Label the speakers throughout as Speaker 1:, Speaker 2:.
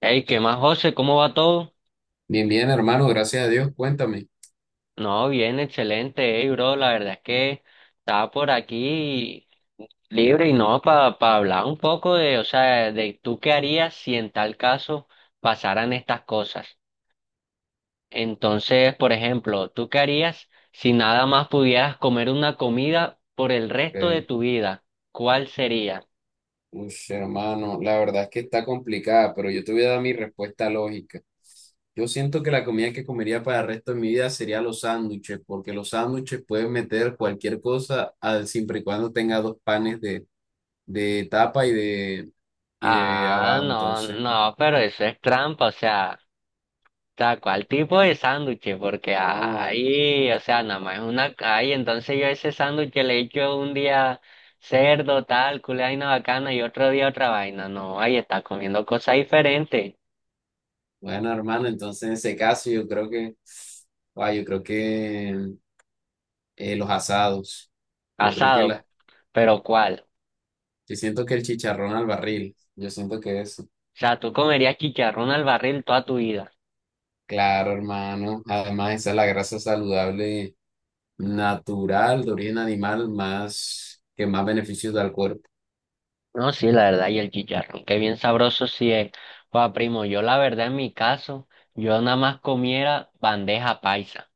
Speaker 1: Hey, ¿qué más, José? ¿Cómo va todo?
Speaker 2: Bien, bien, hermano, gracias a Dios, cuéntame.
Speaker 1: No, bien, excelente, hey, bro. La verdad es que estaba por aquí libre y no, para hablar un poco de, o sea, de tú qué harías si en tal caso pasaran estas cosas. Entonces, por ejemplo, ¿tú qué harías si nada más pudieras comer una comida por el resto de
Speaker 2: Ok.
Speaker 1: tu vida? ¿Cuál sería?
Speaker 2: Ush, hermano, la verdad es que está complicada, pero yo te voy a dar mi respuesta lógica. Yo siento que la comida que comería para el resto de mi vida sería los sándwiches, porque los sándwiches pueden meter cualquier cosa siempre y cuando tenga dos panes de tapa y de
Speaker 1: Ah,
Speaker 2: abajo.
Speaker 1: no,
Speaker 2: Entonces,
Speaker 1: no, pero eso es trampa, o sea. Tal cual tipo de sándwich, porque
Speaker 2: no,
Speaker 1: ahí, o sea, nada más es una, ahí entonces yo ese sándwich le echo un día cerdo, tal, culé vaina bacana y otro día otra vaina, no, ahí está comiendo cosas diferentes,
Speaker 2: bueno, hermano, entonces en ese caso yo creo que los asados. Yo creo que
Speaker 1: asado,
Speaker 2: las
Speaker 1: pero ¿cuál?
Speaker 2: Yo siento que el chicharrón al barril, yo siento que eso.
Speaker 1: O sea, tú comerías chicharrón al barril toda tu vida.
Speaker 2: Claro, hermano. Además, esa es la grasa saludable natural de origen animal más que más beneficios da al cuerpo.
Speaker 1: No, sí, la verdad, y el chicharrón, qué bien sabroso sí es. Pues primo, yo la verdad en mi caso, yo nada más comiera bandeja paisa.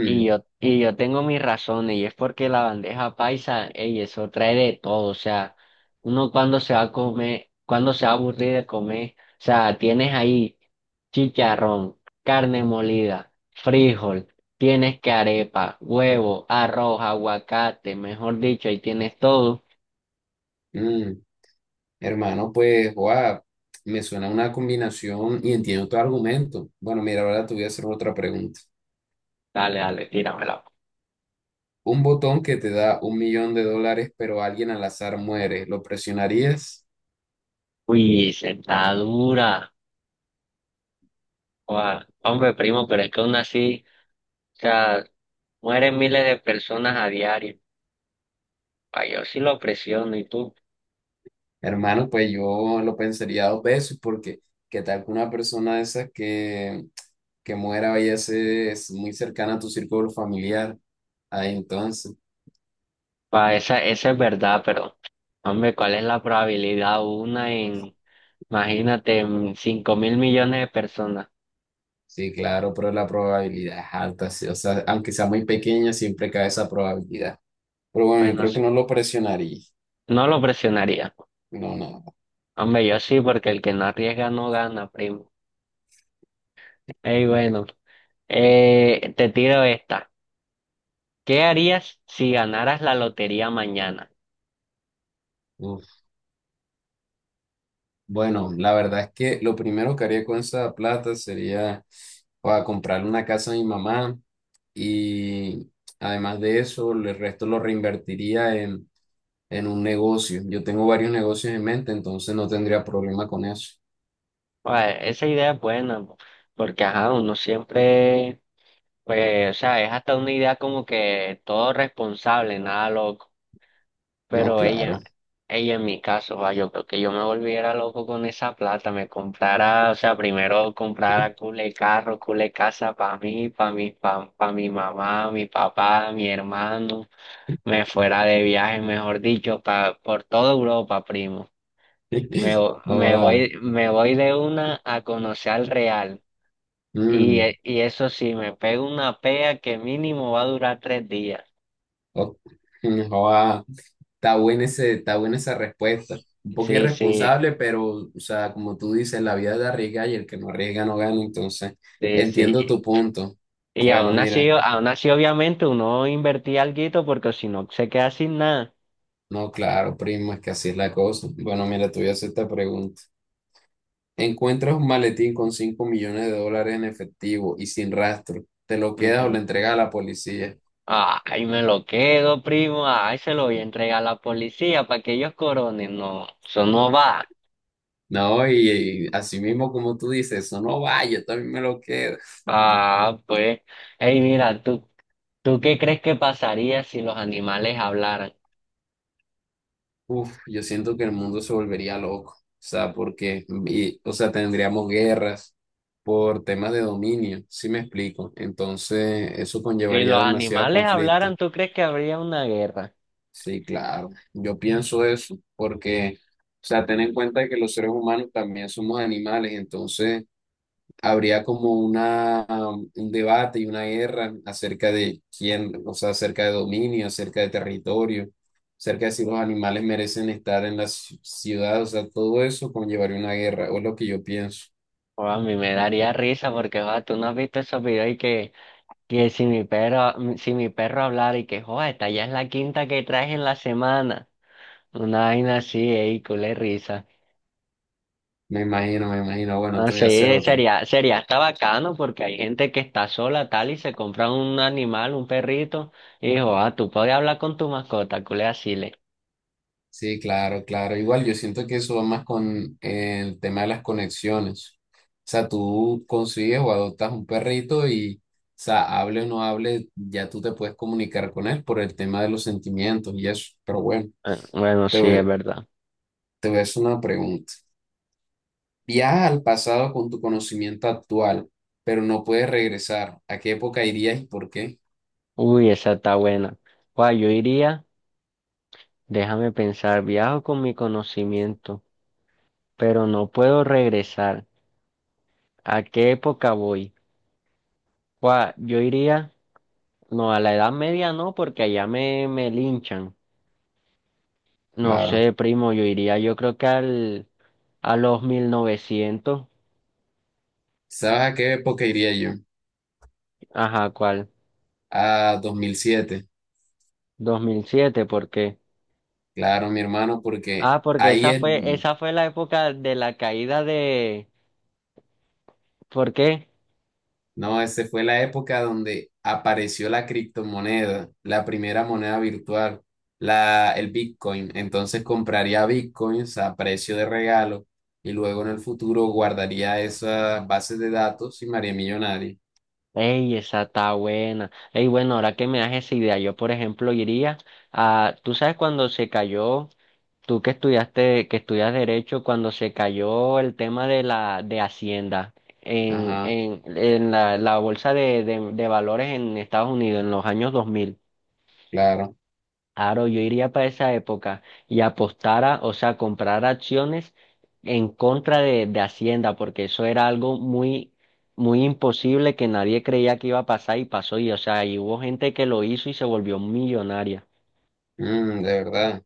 Speaker 1: Y yo, y yo tengo mis razones, y es porque la bandeja paisa, ey, eso trae de todo, o sea, uno cuando se va a comer, cuando se va a aburrir de comer, o sea, tienes ahí chicharrón, carne molida, frijol, tienes que arepa, huevo, arroz, aguacate, mejor dicho, ahí tienes todo.
Speaker 2: mm. Hermano, pues, guau, me suena una combinación y entiendo tu argumento. Bueno, mira, ahora te voy a hacer otra pregunta.
Speaker 1: Dale, dale, tíramela.
Speaker 2: Un botón que te da 1 millón de dólares, pero alguien al azar muere, ¿lo presionarías?
Speaker 1: Uy, sentadura. Guau, hombre, primo, pero es que aún así, o sea, mueren miles de personas a diario. Pa, yo sí lo presiono y tú.
Speaker 2: Hermano, pues yo lo pensaría dos veces porque qué tal que una persona de esas que muera vaya a ser es muy cercana a tu círculo familiar. Ahí entonces,
Speaker 1: Pa, esa es verdad, pero hombre, ¿cuál es la probabilidad? Una en, imagínate, en 5.000.000.000 de personas.
Speaker 2: sí, claro, pero la probabilidad es alta, sí, o sea, aunque sea muy pequeña, siempre cae esa probabilidad. Pero bueno, yo
Speaker 1: Bueno,
Speaker 2: creo que
Speaker 1: sí.
Speaker 2: no lo presionaría.
Speaker 1: No lo presionaría.
Speaker 2: No, no.
Speaker 1: Hombre, yo sí, porque el que no arriesga no gana, primo. Ey, bueno, te tiro esta. ¿Qué harías si ganaras la lotería mañana?
Speaker 2: No. Bueno, la verdad es que lo primero que haría con esa plata sería para comprarle una casa a mi mamá y además de eso, el resto lo reinvertiría en un negocio. Yo tengo varios negocios en mente, entonces no tendría problema con eso.
Speaker 1: Pa, esa idea es buena, po, porque ajá, uno siempre, pues, o sea, es hasta una idea como que todo responsable, nada loco.
Speaker 2: No,
Speaker 1: Pero
Speaker 2: claro.
Speaker 1: ella en mi caso, va, yo creo que yo me volviera loco con esa plata, me comprara, o sea, primero comprara cule carro, cule casa para mí, pa mi mamá, mi papá, mi hermano, me fuera de viaje, mejor dicho, pa, por toda Europa, primo. Me, vo- me
Speaker 2: Joda.
Speaker 1: voy, me voy de una a conocer al Real. Y,
Speaker 2: Mm,
Speaker 1: e- y eso sí, me pego una pea que mínimo va a durar 3 días.
Speaker 2: o- Joda. Está buena esa respuesta. Un poco
Speaker 1: Sí, sí,
Speaker 2: irresponsable, pero, o sea, como tú dices, la vida es de arriesgar y el que no arriesga no gana. Entonces,
Speaker 1: sí,
Speaker 2: entiendo
Speaker 1: sí.
Speaker 2: tu punto.
Speaker 1: Y
Speaker 2: Bueno, mira,
Speaker 1: aún así, obviamente, uno invertía alguito porque si no se queda sin nada.
Speaker 2: no, claro, primo, es que así es la cosa. Bueno, mira, te voy a hacer esta pregunta. Encuentras un maletín con 5 millones de dólares en efectivo y sin rastro. ¿Te lo quedas o
Speaker 1: Ujú.
Speaker 2: lo entregas a la policía?
Speaker 1: Ay, me lo quedo, primo. Ay, se lo voy a entregar a la policía para que ellos coronen. No, eso no va.
Speaker 2: No, y así mismo como tú dices, eso no va, yo también me lo quedo.
Speaker 1: Ah, pues. Ey, mira, ¿tú qué crees que pasaría si los animales hablaran?
Speaker 2: Uf, yo siento que el mundo se volvería loco, o sea, porque, o sea, tendríamos guerras por temas de dominio, ¿sí me explico? Entonces, eso
Speaker 1: Si
Speaker 2: conllevaría
Speaker 1: los
Speaker 2: demasiado
Speaker 1: animales
Speaker 2: conflicto.
Speaker 1: hablaran, ¿tú crees que habría una guerra?
Speaker 2: Sí, claro, yo pienso eso, porque, o sea, ten en cuenta que los seres humanos también somos animales, entonces habría como una, un debate y una guerra acerca de quién, o sea, acerca de dominio, acerca de territorio, acerca de si los animales merecen estar en la ciudad, o sea, todo eso conllevaría una guerra, o es lo que yo pienso.
Speaker 1: O a mí me daría risa porque, va, tú no has visto esos videos y que si mi perro hablara y que, joder, esta ya es la quinta que traes en la semana. Una vaina así, ey, culé risa.
Speaker 2: Me imagino, me imagino. Bueno,
Speaker 1: No
Speaker 2: te voy a hacer
Speaker 1: sé,
Speaker 2: otra.
Speaker 1: sería, sería hasta bacano porque hay gente que está sola tal y se compra un animal, un perrito, y dijo, ah, tú puedes hablar con tu mascota, culé así le.
Speaker 2: Sí, claro, claro. Igual yo siento que eso va más con el tema de las conexiones. O sea, tú consigues o adoptas un perrito y, o sea, hable o no hable, ya tú te puedes comunicar con él por el tema de los sentimientos y eso. Pero bueno,
Speaker 1: Ah, bueno,
Speaker 2: te
Speaker 1: sí, es
Speaker 2: voy,
Speaker 1: verdad.
Speaker 2: te voy a hacer una pregunta. Viajas al pasado con tu conocimiento actual, pero no puedes regresar. ¿A qué época irías y por qué?
Speaker 1: Uy, esa está buena. Guay, yo iría, déjame pensar, viajo con mi conocimiento, pero no puedo regresar. ¿A qué época voy? Guay, yo iría. No, a la Edad Media no, porque allá me linchan. No
Speaker 2: Claro.
Speaker 1: sé, primo, yo iría, yo creo que a los 1900.
Speaker 2: ¿Sabes a qué época iría yo?
Speaker 1: Ajá, ¿cuál?
Speaker 2: A 2007.
Speaker 1: 2007, ¿por qué?
Speaker 2: Claro, mi hermano, porque
Speaker 1: Ah, porque
Speaker 2: ahí es
Speaker 1: esa fue la época de la caída de. ¿Por qué?
Speaker 2: no, esa fue la época donde apareció la criptomoneda, la primera moneda virtual, la, el Bitcoin. Entonces compraría Bitcoins a precio de regalo y luego en el futuro guardaría esas bases de datos y me haría millonario.
Speaker 1: Ey, esa está buena. Ey, bueno, ahora que me das esa idea, yo por ejemplo iría a. ¿Tú sabes cuando se cayó? Tú que estudiaste, que estudias derecho, cuando se cayó el tema de la de Hacienda en,
Speaker 2: Ajá,
Speaker 1: en, en la bolsa de valores en Estados Unidos en los años 2000,
Speaker 2: claro.
Speaker 1: claro, yo iría para esa época y apostara, o sea, comprar acciones en contra de Hacienda, porque eso era algo muy, muy imposible que nadie creía que iba a pasar y pasó, y o sea, y hubo gente que lo hizo y se volvió millonaria.
Speaker 2: Mm, de verdad.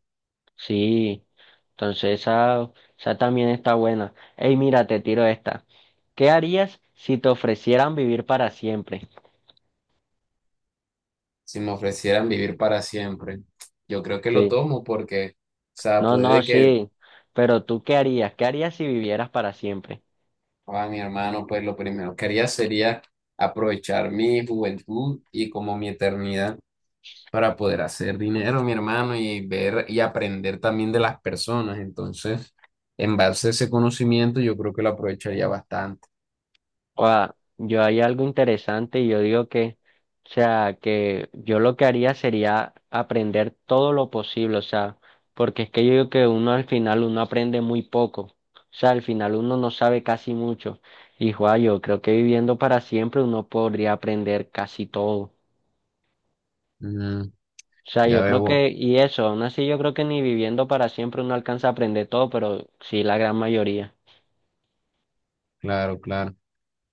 Speaker 1: Sí, entonces esa también está buena. Ey, mira, te tiro esta. ¿Qué harías si te ofrecieran vivir para siempre?
Speaker 2: Si me ofrecieran vivir para siempre, yo creo que lo
Speaker 1: Sí,
Speaker 2: tomo porque, o sea,
Speaker 1: no, no,
Speaker 2: puede que,
Speaker 1: sí, pero tú ¿qué harías? ¿Qué harías si vivieras para siempre?
Speaker 2: a mi hermano, pues lo primero que haría sería aprovechar mi juventud y como mi eternidad. Para poder hacer dinero, mi hermano, y ver y aprender también de las personas. Entonces, en base a ese conocimiento, yo creo que lo aprovecharía bastante.
Speaker 1: Oa, yo hay algo interesante y yo digo que, o sea, que yo lo que haría sería aprender todo lo posible, o sea, porque es que yo digo que uno al final uno aprende muy poco, o sea, al final uno no sabe casi mucho. Y joa, yo creo que viviendo para siempre uno podría aprender casi todo.
Speaker 2: Ujú,
Speaker 1: O sea,
Speaker 2: ya
Speaker 1: yo creo
Speaker 2: veo,
Speaker 1: que, y eso, aún así yo creo que ni viviendo para siempre uno alcanza a aprender todo, pero sí la gran mayoría.
Speaker 2: claro, claro.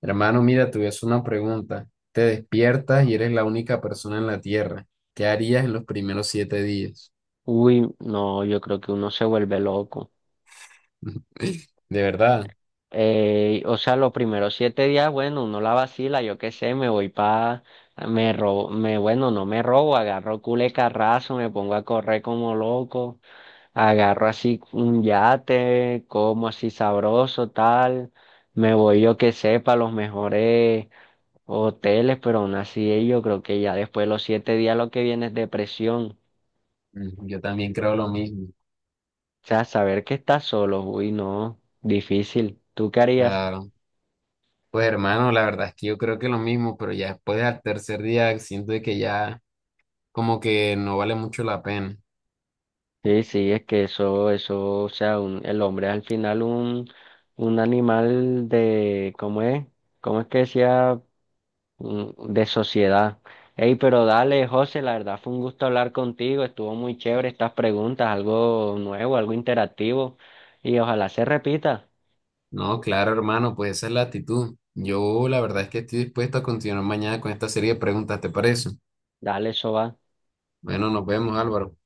Speaker 2: Hermano, mira, te voy a hacer una pregunta. Te despiertas y eres la única persona en la Tierra. ¿Qué harías en los primeros 7 días?
Speaker 1: Uy, no, yo creo que uno se vuelve loco.
Speaker 2: De verdad.
Speaker 1: O sea, los primeros 7 días, bueno, uno la vacila, yo qué sé, me voy pa, me robo, bueno, no me robo, agarro cule carrazo, me pongo a correr como loco, agarro así un yate, como así sabroso, tal, me voy, yo qué sé, pa los mejores hoteles, pero aún así yo creo que ya después de los 7 días lo que viene es depresión.
Speaker 2: Mm, yo también creo lo mismo,
Speaker 1: O sea, saber que estás solo, uy, no, difícil. ¿Tú qué harías?
Speaker 2: claro. Pues hermano, la verdad es que yo creo que lo mismo, pero ya después del tercer día siento de que ya como que no vale mucho la pena.
Speaker 1: Sí, sí, es que eso, o sea, el hombre es al final un, animal de, ¿cómo es? ¿Cómo es que decía? De sociedad. Ey, pero dale, José, la verdad fue un gusto hablar contigo, estuvo muy chévere estas preguntas, algo nuevo, algo interactivo, y ojalá se repita.
Speaker 2: No, claro, hermano, pues esa es la actitud. Yo la verdad es que estoy dispuesto a continuar mañana con esta serie de preguntas, ¿te parece?
Speaker 1: Dale, eso va.
Speaker 2: Bueno, nos vemos, Álvaro.